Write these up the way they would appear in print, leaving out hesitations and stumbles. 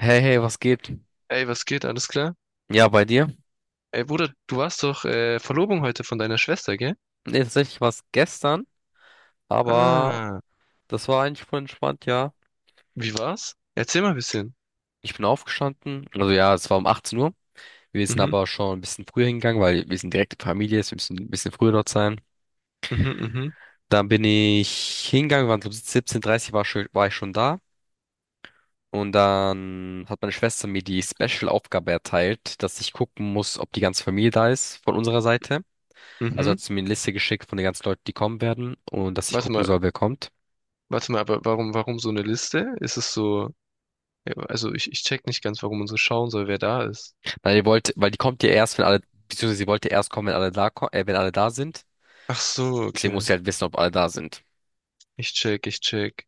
Hey, hey, was geht? Ey, was geht? Alles klar? Ja, bei dir? Ey, Bruder, du warst doch Verlobung heute von deiner Schwester, gell? Nee, tatsächlich war es gestern, aber Ah, das war eigentlich voll entspannt, ja. wie war's? Erzähl mal ein bisschen. Ich bin aufgestanden, also ja, es war um 18 Uhr. Wir sind Mhm, aber schon ein bisschen früher hingegangen, weil wir sind direkte Familie, es müssen ein bisschen früher dort sein. mhm, mhm, Dann bin ich hingegangen, waren so 17:30, war ich schon da. Und dann hat meine Schwester mir die Special-Aufgabe erteilt, dass ich gucken muss, ob die ganze Familie da ist von unserer Seite. Also hat mhm. sie mir eine Liste geschickt von den ganzen Leuten, die kommen werden und dass ich Warte gucken mal, soll, wer kommt. warte mal, aber warum so eine Liste? Ist es so, ja, also ich check nicht ganz, warum man so schauen soll, wer da ist. Weil die wollte, weil die kommt ja erst, wenn alle, beziehungsweise sie wollte erst kommen, wenn alle da, wenn alle da sind. Ach so, Deswegen okay. muss sie halt wissen, ob alle da sind. Ich check, ich check.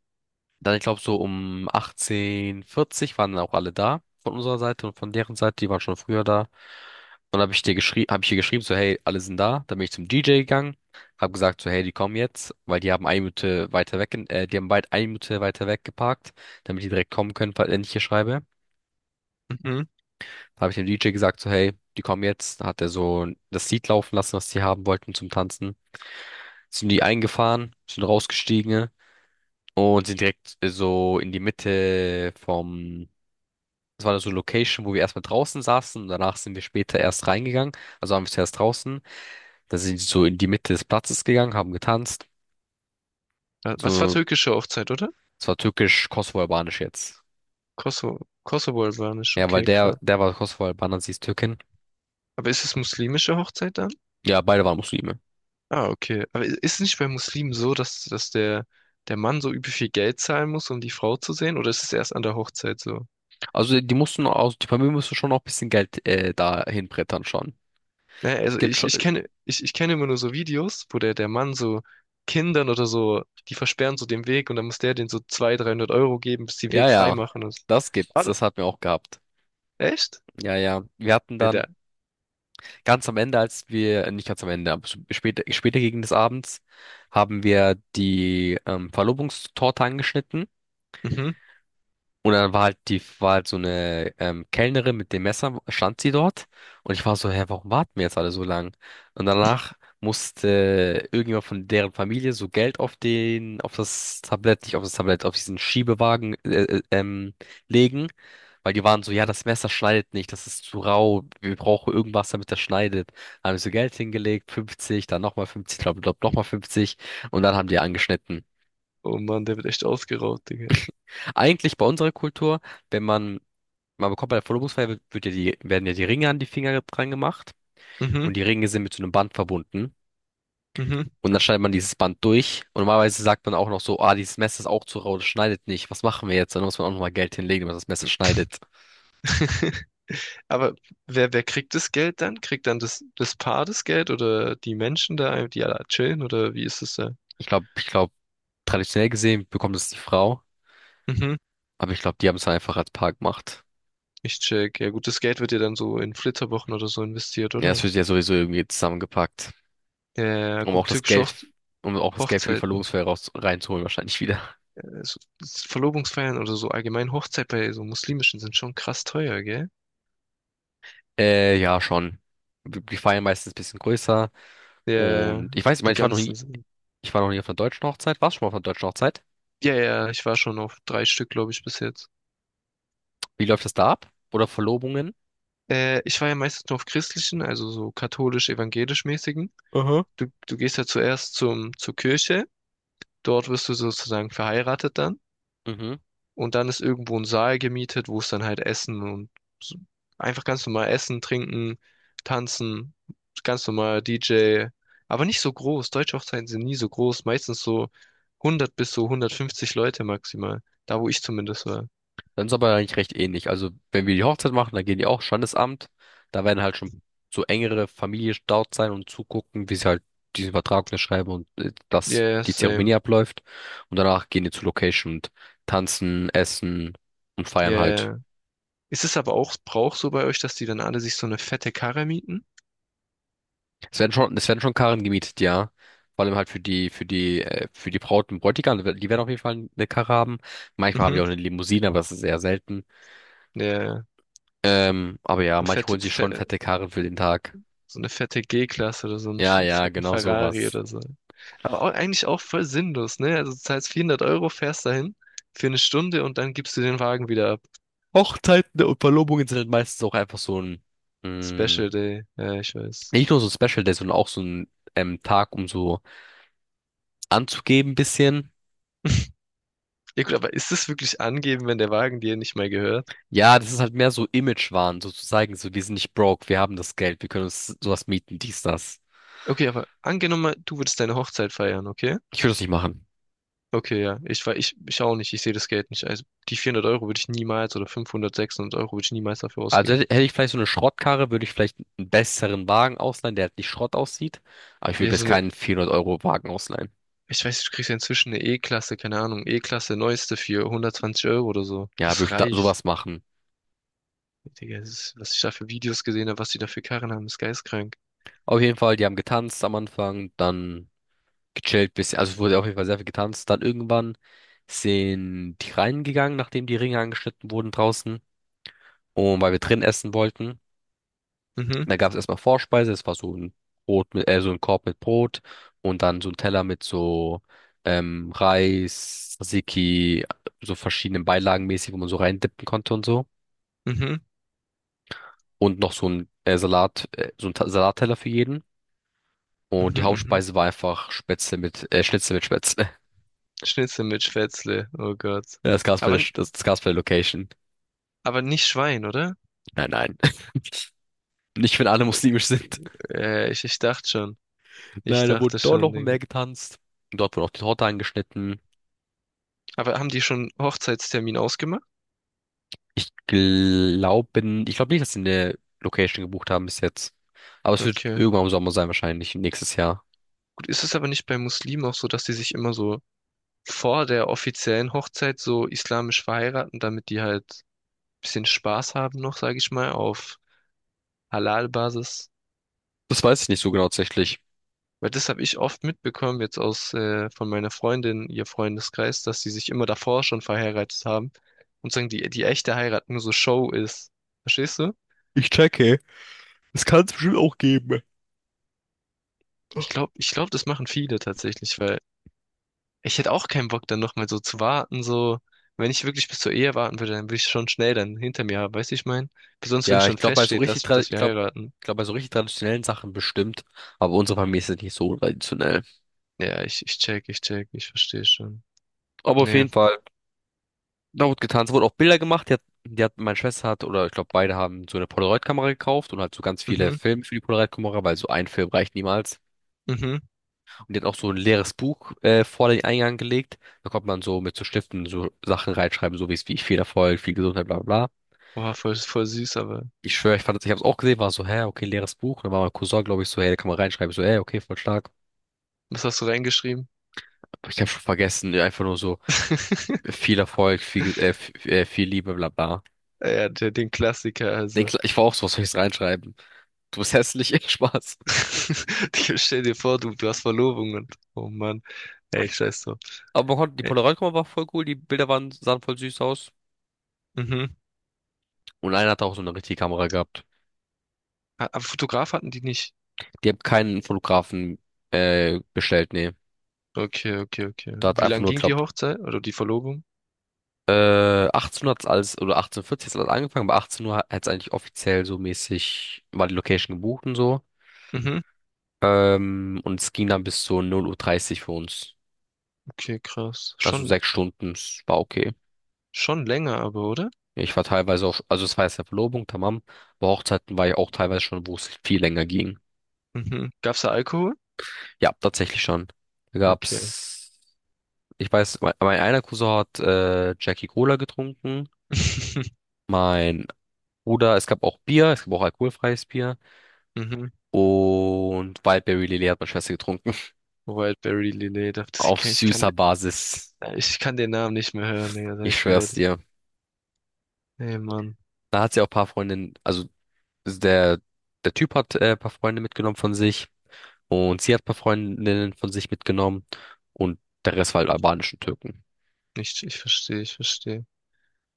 Dann, ich glaube, so um 18:40 Uhr waren dann auch alle da von unserer Seite und von deren Seite, die waren schon früher da. Und habe ich dir geschrieben, habe ich ihr geschrieben, so, hey, alle sind da. Dann bin ich zum DJ gegangen, habe gesagt, so, hey, die kommen jetzt, weil die haben eine Minute weiter weg, die haben weit eine Minute weiter weg geparkt, damit die direkt kommen können, falls wenn ich hier schreibe. Mhm. Da habe ich dem DJ gesagt, so, hey, die kommen jetzt. Da hat er so das Lied laufen lassen, was die haben wollten zum Tanzen. Sind die eingefahren, sind rausgestiegen, ne? Und sind direkt so in die Mitte vom, das war so eine Location, wo wir erstmal draußen saßen und danach sind wir später erst reingegangen. Also waren wir zuerst draußen, dann sind sie so in die Mitte des Platzes gegangen, haben getanzt. Was war So, türkische Hochzeit, oder? es war türkisch-kosovo-albanisch jetzt. Kosovo-Albanisch, Ja, weil okay, der, krass. der war Kosovo-Albaner, sie ist Türkin. Aber ist es muslimische Hochzeit dann? Ja, beide waren Muslime. Ah, okay. Aber ist nicht bei Muslimen so, dass der Mann so übel viel Geld zahlen muss, um die Frau zu sehen? Oder ist es erst an der Hochzeit so? Also die mussten auch, die Familie musste schon auch ein bisschen Geld da hinbrettern schon. Naja, Es also gibt ich, schon, ich kenne, ich, ich kenne immer nur so Videos, wo der Mann so Kindern oder so, die versperren so den Weg und dann muss der denen so 200, 300 € geben, bis die ja, Weg frei ja, machen. Und, so. das gibt's, Ah, das hatten wir auch gehabt. echt? Ja, ja, wir hatten Bei der, dann ganz am Ende, als wir, nicht ganz am Ende, aber später, später gegen des Abends, haben wir die Verlobungstorte angeschnitten. mhm. Und dann war halt die, war halt so eine Kellnerin mit dem Messer, stand sie dort. Und ich war so, hä, warum warten wir jetzt alle so lang? Und danach musste irgendjemand von deren Familie so Geld auf den, auf das Tablett, nicht auf das Tablett, auf diesen Schiebewagen legen. Weil die waren so, ja, das Messer schneidet nicht, das ist zu rau, wir brauchen irgendwas, damit das schneidet. Dann haben wir so Geld hingelegt, 50, dann nochmal 50, glaub nochmal 50 und dann haben die angeschnitten. Oh Mann, der wird echt ausgeraubt, Digga. Eigentlich bei unserer Kultur, wenn man, man bekommt bei der Verlobungsfeier wird, ja werden ja die Ringe an die Finger dran gemacht Mhm, und die Ringe sind mit so einem Band verbunden. mhm. Und dann schneidet man dieses Band durch. Und normalerweise sagt man auch noch so, ah, dieses Messer ist auch zu rau, das schneidet nicht. Was machen wir jetzt? Dann muss man auch nochmal Geld hinlegen, wenn man das Messer schneidet. Aber wer kriegt das Geld dann? Kriegt dann das Paar das Geld oder die Menschen da, die alle chillen oder wie ist es da? Ich glaube, traditionell gesehen bekommt es die Frau, Mhm, aber ich glaube, die haben es einfach als Paar gemacht. ich check. Ja gut, das Geld wird ja dann so in Flitterwochen oder so investiert, Ja, es oder? wird ja sowieso irgendwie zusammengepackt, Ja, ja, ja, um auch gut, das türkische Geld, um auch das Geld für die Hochzeiten, Verlobungsfeier raus, reinzuholen, wahrscheinlich wieder. So, Verlobungsfeiern oder so, allgemein Hochzeit bei so muslimischen sind schon krass teuer, gell? Ja, schon. Die feiern meistens ein bisschen größer. Ja, Und ich weiß, ich meine, die ganzen sind. Ich war noch nie auf einer deutschen Hochzeit. Warst du schon mal auf einer deutschen Hochzeit? Ja, ja, ich war schon auf drei Stück, glaube ich, bis jetzt. Wie läuft das da ab? Oder Verlobungen? Ich war ja meistens nur auf christlichen, also so katholisch-evangelisch-mäßigen. Aha. Du gehst ja zuerst zum, zur Kirche, dort wirst du sozusagen verheiratet dann Mhm. und dann ist irgendwo ein Saal gemietet, wo es dann halt Essen und so, einfach ganz normal Essen, Trinken, Tanzen, ganz normal DJ, aber nicht so groß. Deutsche Hochzeiten sind nie so groß, meistens so 100 bis so 150 Leute maximal, da wo ich zumindest war. Dann ist aber eigentlich recht ähnlich. Also, wenn wir die Hochzeit machen, dann gehen die auch Standesamt. Da werden halt schon so engere Familie dort sein und zugucken, wie sie halt diesen Vertrag unterschreiben und dass Yeah, die Zeremonie same. abläuft. Und danach gehen die zur Location und tanzen, essen und feiern halt. Yeah. Ist es aber auch Brauch so bei euch, dass die dann alle sich so eine fette Karre mieten? Es werden schon Karren gemietet, ja. Vor allem halt für die Braut und Bräutigam, die werden auf jeden Fall eine Karre haben. Manchmal haben die Mhm. auch eine Limousine, aber das ist eher selten. Ja, ja. Aber ja, eine manche fette, holen sich fe schon fette Karren für den Tag. So eine fette G-Klasse oder so einen Ja, ja, fetten genau Ferrari sowas. oder so. Aber auch, eigentlich auch voll sinnlos, ne? Also du zahlst 400 Euro, fährst dahin für eine Stunde und dann gibst du den Wagen wieder ab. Hochzeiten und Verlobungen sind halt meistens auch einfach so ein, mh, Special Day, ja, ich weiß. nicht nur so ein Special Day, sondern auch so ein Tag, um so anzugeben bisschen. Ja gut, aber ist das wirklich angeben, wenn der Wagen dir nicht mehr gehört? Ja, das ist halt mehr so Image-Wahn, so zu zeigen, so wir sind nicht broke, wir haben das Geld, wir können uns sowas mieten, dies, das. Okay, aber angenommen, mal, du würdest deine Hochzeit feiern, okay? Ich würde das nicht machen. Okay, ja, ich auch nicht, ich sehe das Geld nicht. Also die 400 € würde ich niemals oder 500, 600 € würde ich niemals dafür Also ausgeben. hätte ich vielleicht so eine Schrottkarre, würde ich vielleicht einen besseren Wagen ausleihen, der halt nicht Schrott aussieht. Aber ich Ja, würde jetzt so eine. keinen 400-Euro-Wagen ausleihen. Ich weiß, du kriegst ja inzwischen eine E-Klasse, keine Ahnung, E-Klasse neueste für 120 € oder so. Ja, würde Das ich da reicht. sowas machen. Digga, das ist, was ich da für Videos gesehen habe, was die da für Karren haben, ist geistkrank. Auf jeden Fall, die haben getanzt am Anfang, dann gechillt bisschen. Also es wurde auf jeden Fall sehr viel getanzt. Dann irgendwann sind die reingegangen, nachdem die Ringe angeschnitten wurden draußen. Und weil wir drin essen wollten. Mhm, Da gab es erstmal Vorspeise, es war so ein Brot mit, so ein Korb mit Brot und dann so ein Teller mit so Reis, Tzatziki, so verschiedenen Beilagen mäßig, wo man so reindippen konnte und so. mhm, Und noch so ein Salat, so ein Salatteller für jeden. Und mhm, die mhm. Hauptspeise war einfach Spätzle mit, Schnitzel mit Spätzle. Schnitzel mit Spätzle, oh Gott. Das gab's bei der, Aber, Sch- das, das gab's bei der Location. aber nicht Schwein, oder? Nein, nein. Nicht, wenn alle muslimisch sind. Ich dachte schon. Ich Nein, da wurde dachte dort schon, noch Digga. mehr getanzt. Dort wurde auch die Torte angeschnitten. Aber haben die schon Hochzeitstermin ausgemacht? Ich glaube, Ich glaube nicht, dass sie eine Location gebucht haben bis jetzt. Aber es wird Okay. irgendwann im Sommer sein, wahrscheinlich nächstes Jahr. Gut, ist es aber nicht bei Muslimen auch so, dass die sich immer so vor der offiziellen Hochzeit so islamisch verheiraten, damit die halt bisschen Spaß haben noch, sage ich mal, auf Halal-Basis. Das weiß ich nicht so genau tatsächlich. Weil das habe ich oft mitbekommen, jetzt aus von meiner Freundin, ihr Freundeskreis, dass sie sich immer davor schon verheiratet haben und sagen, die echte Heirat nur so Show ist. Verstehst du? Ich checke. Es kann es bestimmt auch geben. Ich glaube, das machen viele tatsächlich, weil ich hätte auch keinen Bock, dann nochmal so zu warten, so. Wenn ich wirklich bis zur Ehe warten würde, dann würde ich schon schnell dann hinter mir haben, weißt du, ich mein? Besonders wenn Ja, schon feststeht, dass, dass wir heiraten. ich glaube bei so richtig traditionellen Sachen bestimmt. Aber unsere Familie ist jetzt nicht so traditionell. Ja, ich check, ich check, ich verstehe schon. Aber auf Nee. jeden Fall, da wurde getan. Es wurden auch Bilder gemacht. Meine Schwester hat, oder ich glaube beide haben so eine Polaroid-Kamera gekauft und halt so ganz viele Mhm. Filme für die Polaroid-Kamera, weil so ein Film reicht niemals. Mhm. Und die hat auch so ein leeres Buch vor den Eingang gelegt. Da konnte man so mit so Stiften so Sachen reinschreiben, so wie es wie ich viel Erfolg, viel Gesundheit, bla bla bla. Boah, voll, voll süß, aber Ich schwöre, ich fand das, ich habe es auch gesehen, war so, hä, okay, leeres Buch. Und dann war mein Cousin, glaube ich, so, hey, da kann man reinschreiben. Ich So, hey, okay, voll stark. was hast du reingeschrieben? Aber ich habe schon vergessen, ja, einfach nur so viel Erfolg, viel Liebe, bla bla. Ja, der, den Klassiker, also. Ich war auch so, was soll ich reinschreiben? Du bist hässlich, Spaß. Ich Stell dir vor, du hast Verlobung und, oh Mann, ey, scheiß drauf. Aber man konnte, die Ey, Polaroid-Kamera war voll cool, die Bilder waren, sahen voll süß aus. mhm. Und einer hatte auch so eine richtige Kamera gehabt. Ah, aber Fotograf hatten die nicht. Die haben keinen Fotografen bestellt, nee. Okay, okay, okay. Da hat Wie einfach lang nur, ging die glaub, Hochzeit oder die Verlobung? 18 hat's alles, oder 18:40 hat's alles angefangen, aber 18 Uhr hat's eigentlich offiziell so mäßig, war die Location gebucht und so. Mhm. Und es ging dann bis zu 0:30 Uhr dreißig für uns. Okay, krass. Also Schon, 6 Stunden, es war okay. schon länger, aber, oder? Ich war teilweise auch, also es war jetzt ja Verlobung, tamam. Bei Hochzeiten war ich auch teilweise schon, wo es viel länger ging. Mhm. Gab's da Alkohol? Ja, tatsächlich schon. Da Okay. gab's, ich weiß, mein einer Cousin hat Jackie Cola getrunken. Mein Bruder, es gab auch Bier, es gab auch alkoholfreies Bier. Mhm. Und Wildberry Lilly hat meine Schwester getrunken. Wildberry Lillet, das- ich Auf kann, ich kann, süßer Basis. ich kann den Namen nicht mehr hören, Digga, sag Ich ich dir schwör's ehrlich. dir. Ey, Mann. Da hat sie auch ein paar Freundinnen, also der, der Typ hat ein paar Freunde mitgenommen von sich. Und sie hat ein paar Freundinnen von sich mitgenommen. Und der Rest war halt albanischen Türken. Ich verstehe.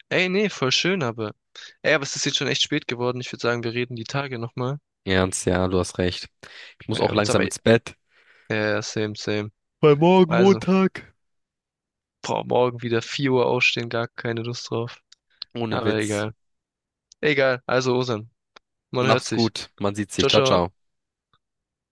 Ey, nee, voll schön, aber. Ey, aber es ist jetzt schon echt spät geworden. Ich würde sagen, wir reden die Tage nochmal. Ernst, ja, du hast recht. Ich muss auch Ist langsam aber, ja, ins Bett. ja, same, same. Weil morgen Also, Montag. boah, morgen wieder 4 Uhr aufstehen, gar keine Lust drauf. Ohne Aber Witz. egal. Egal, also Osan, man hört Mach's sich. gut. Man sieht sich. Ciao, Ciao, ciao. ciao.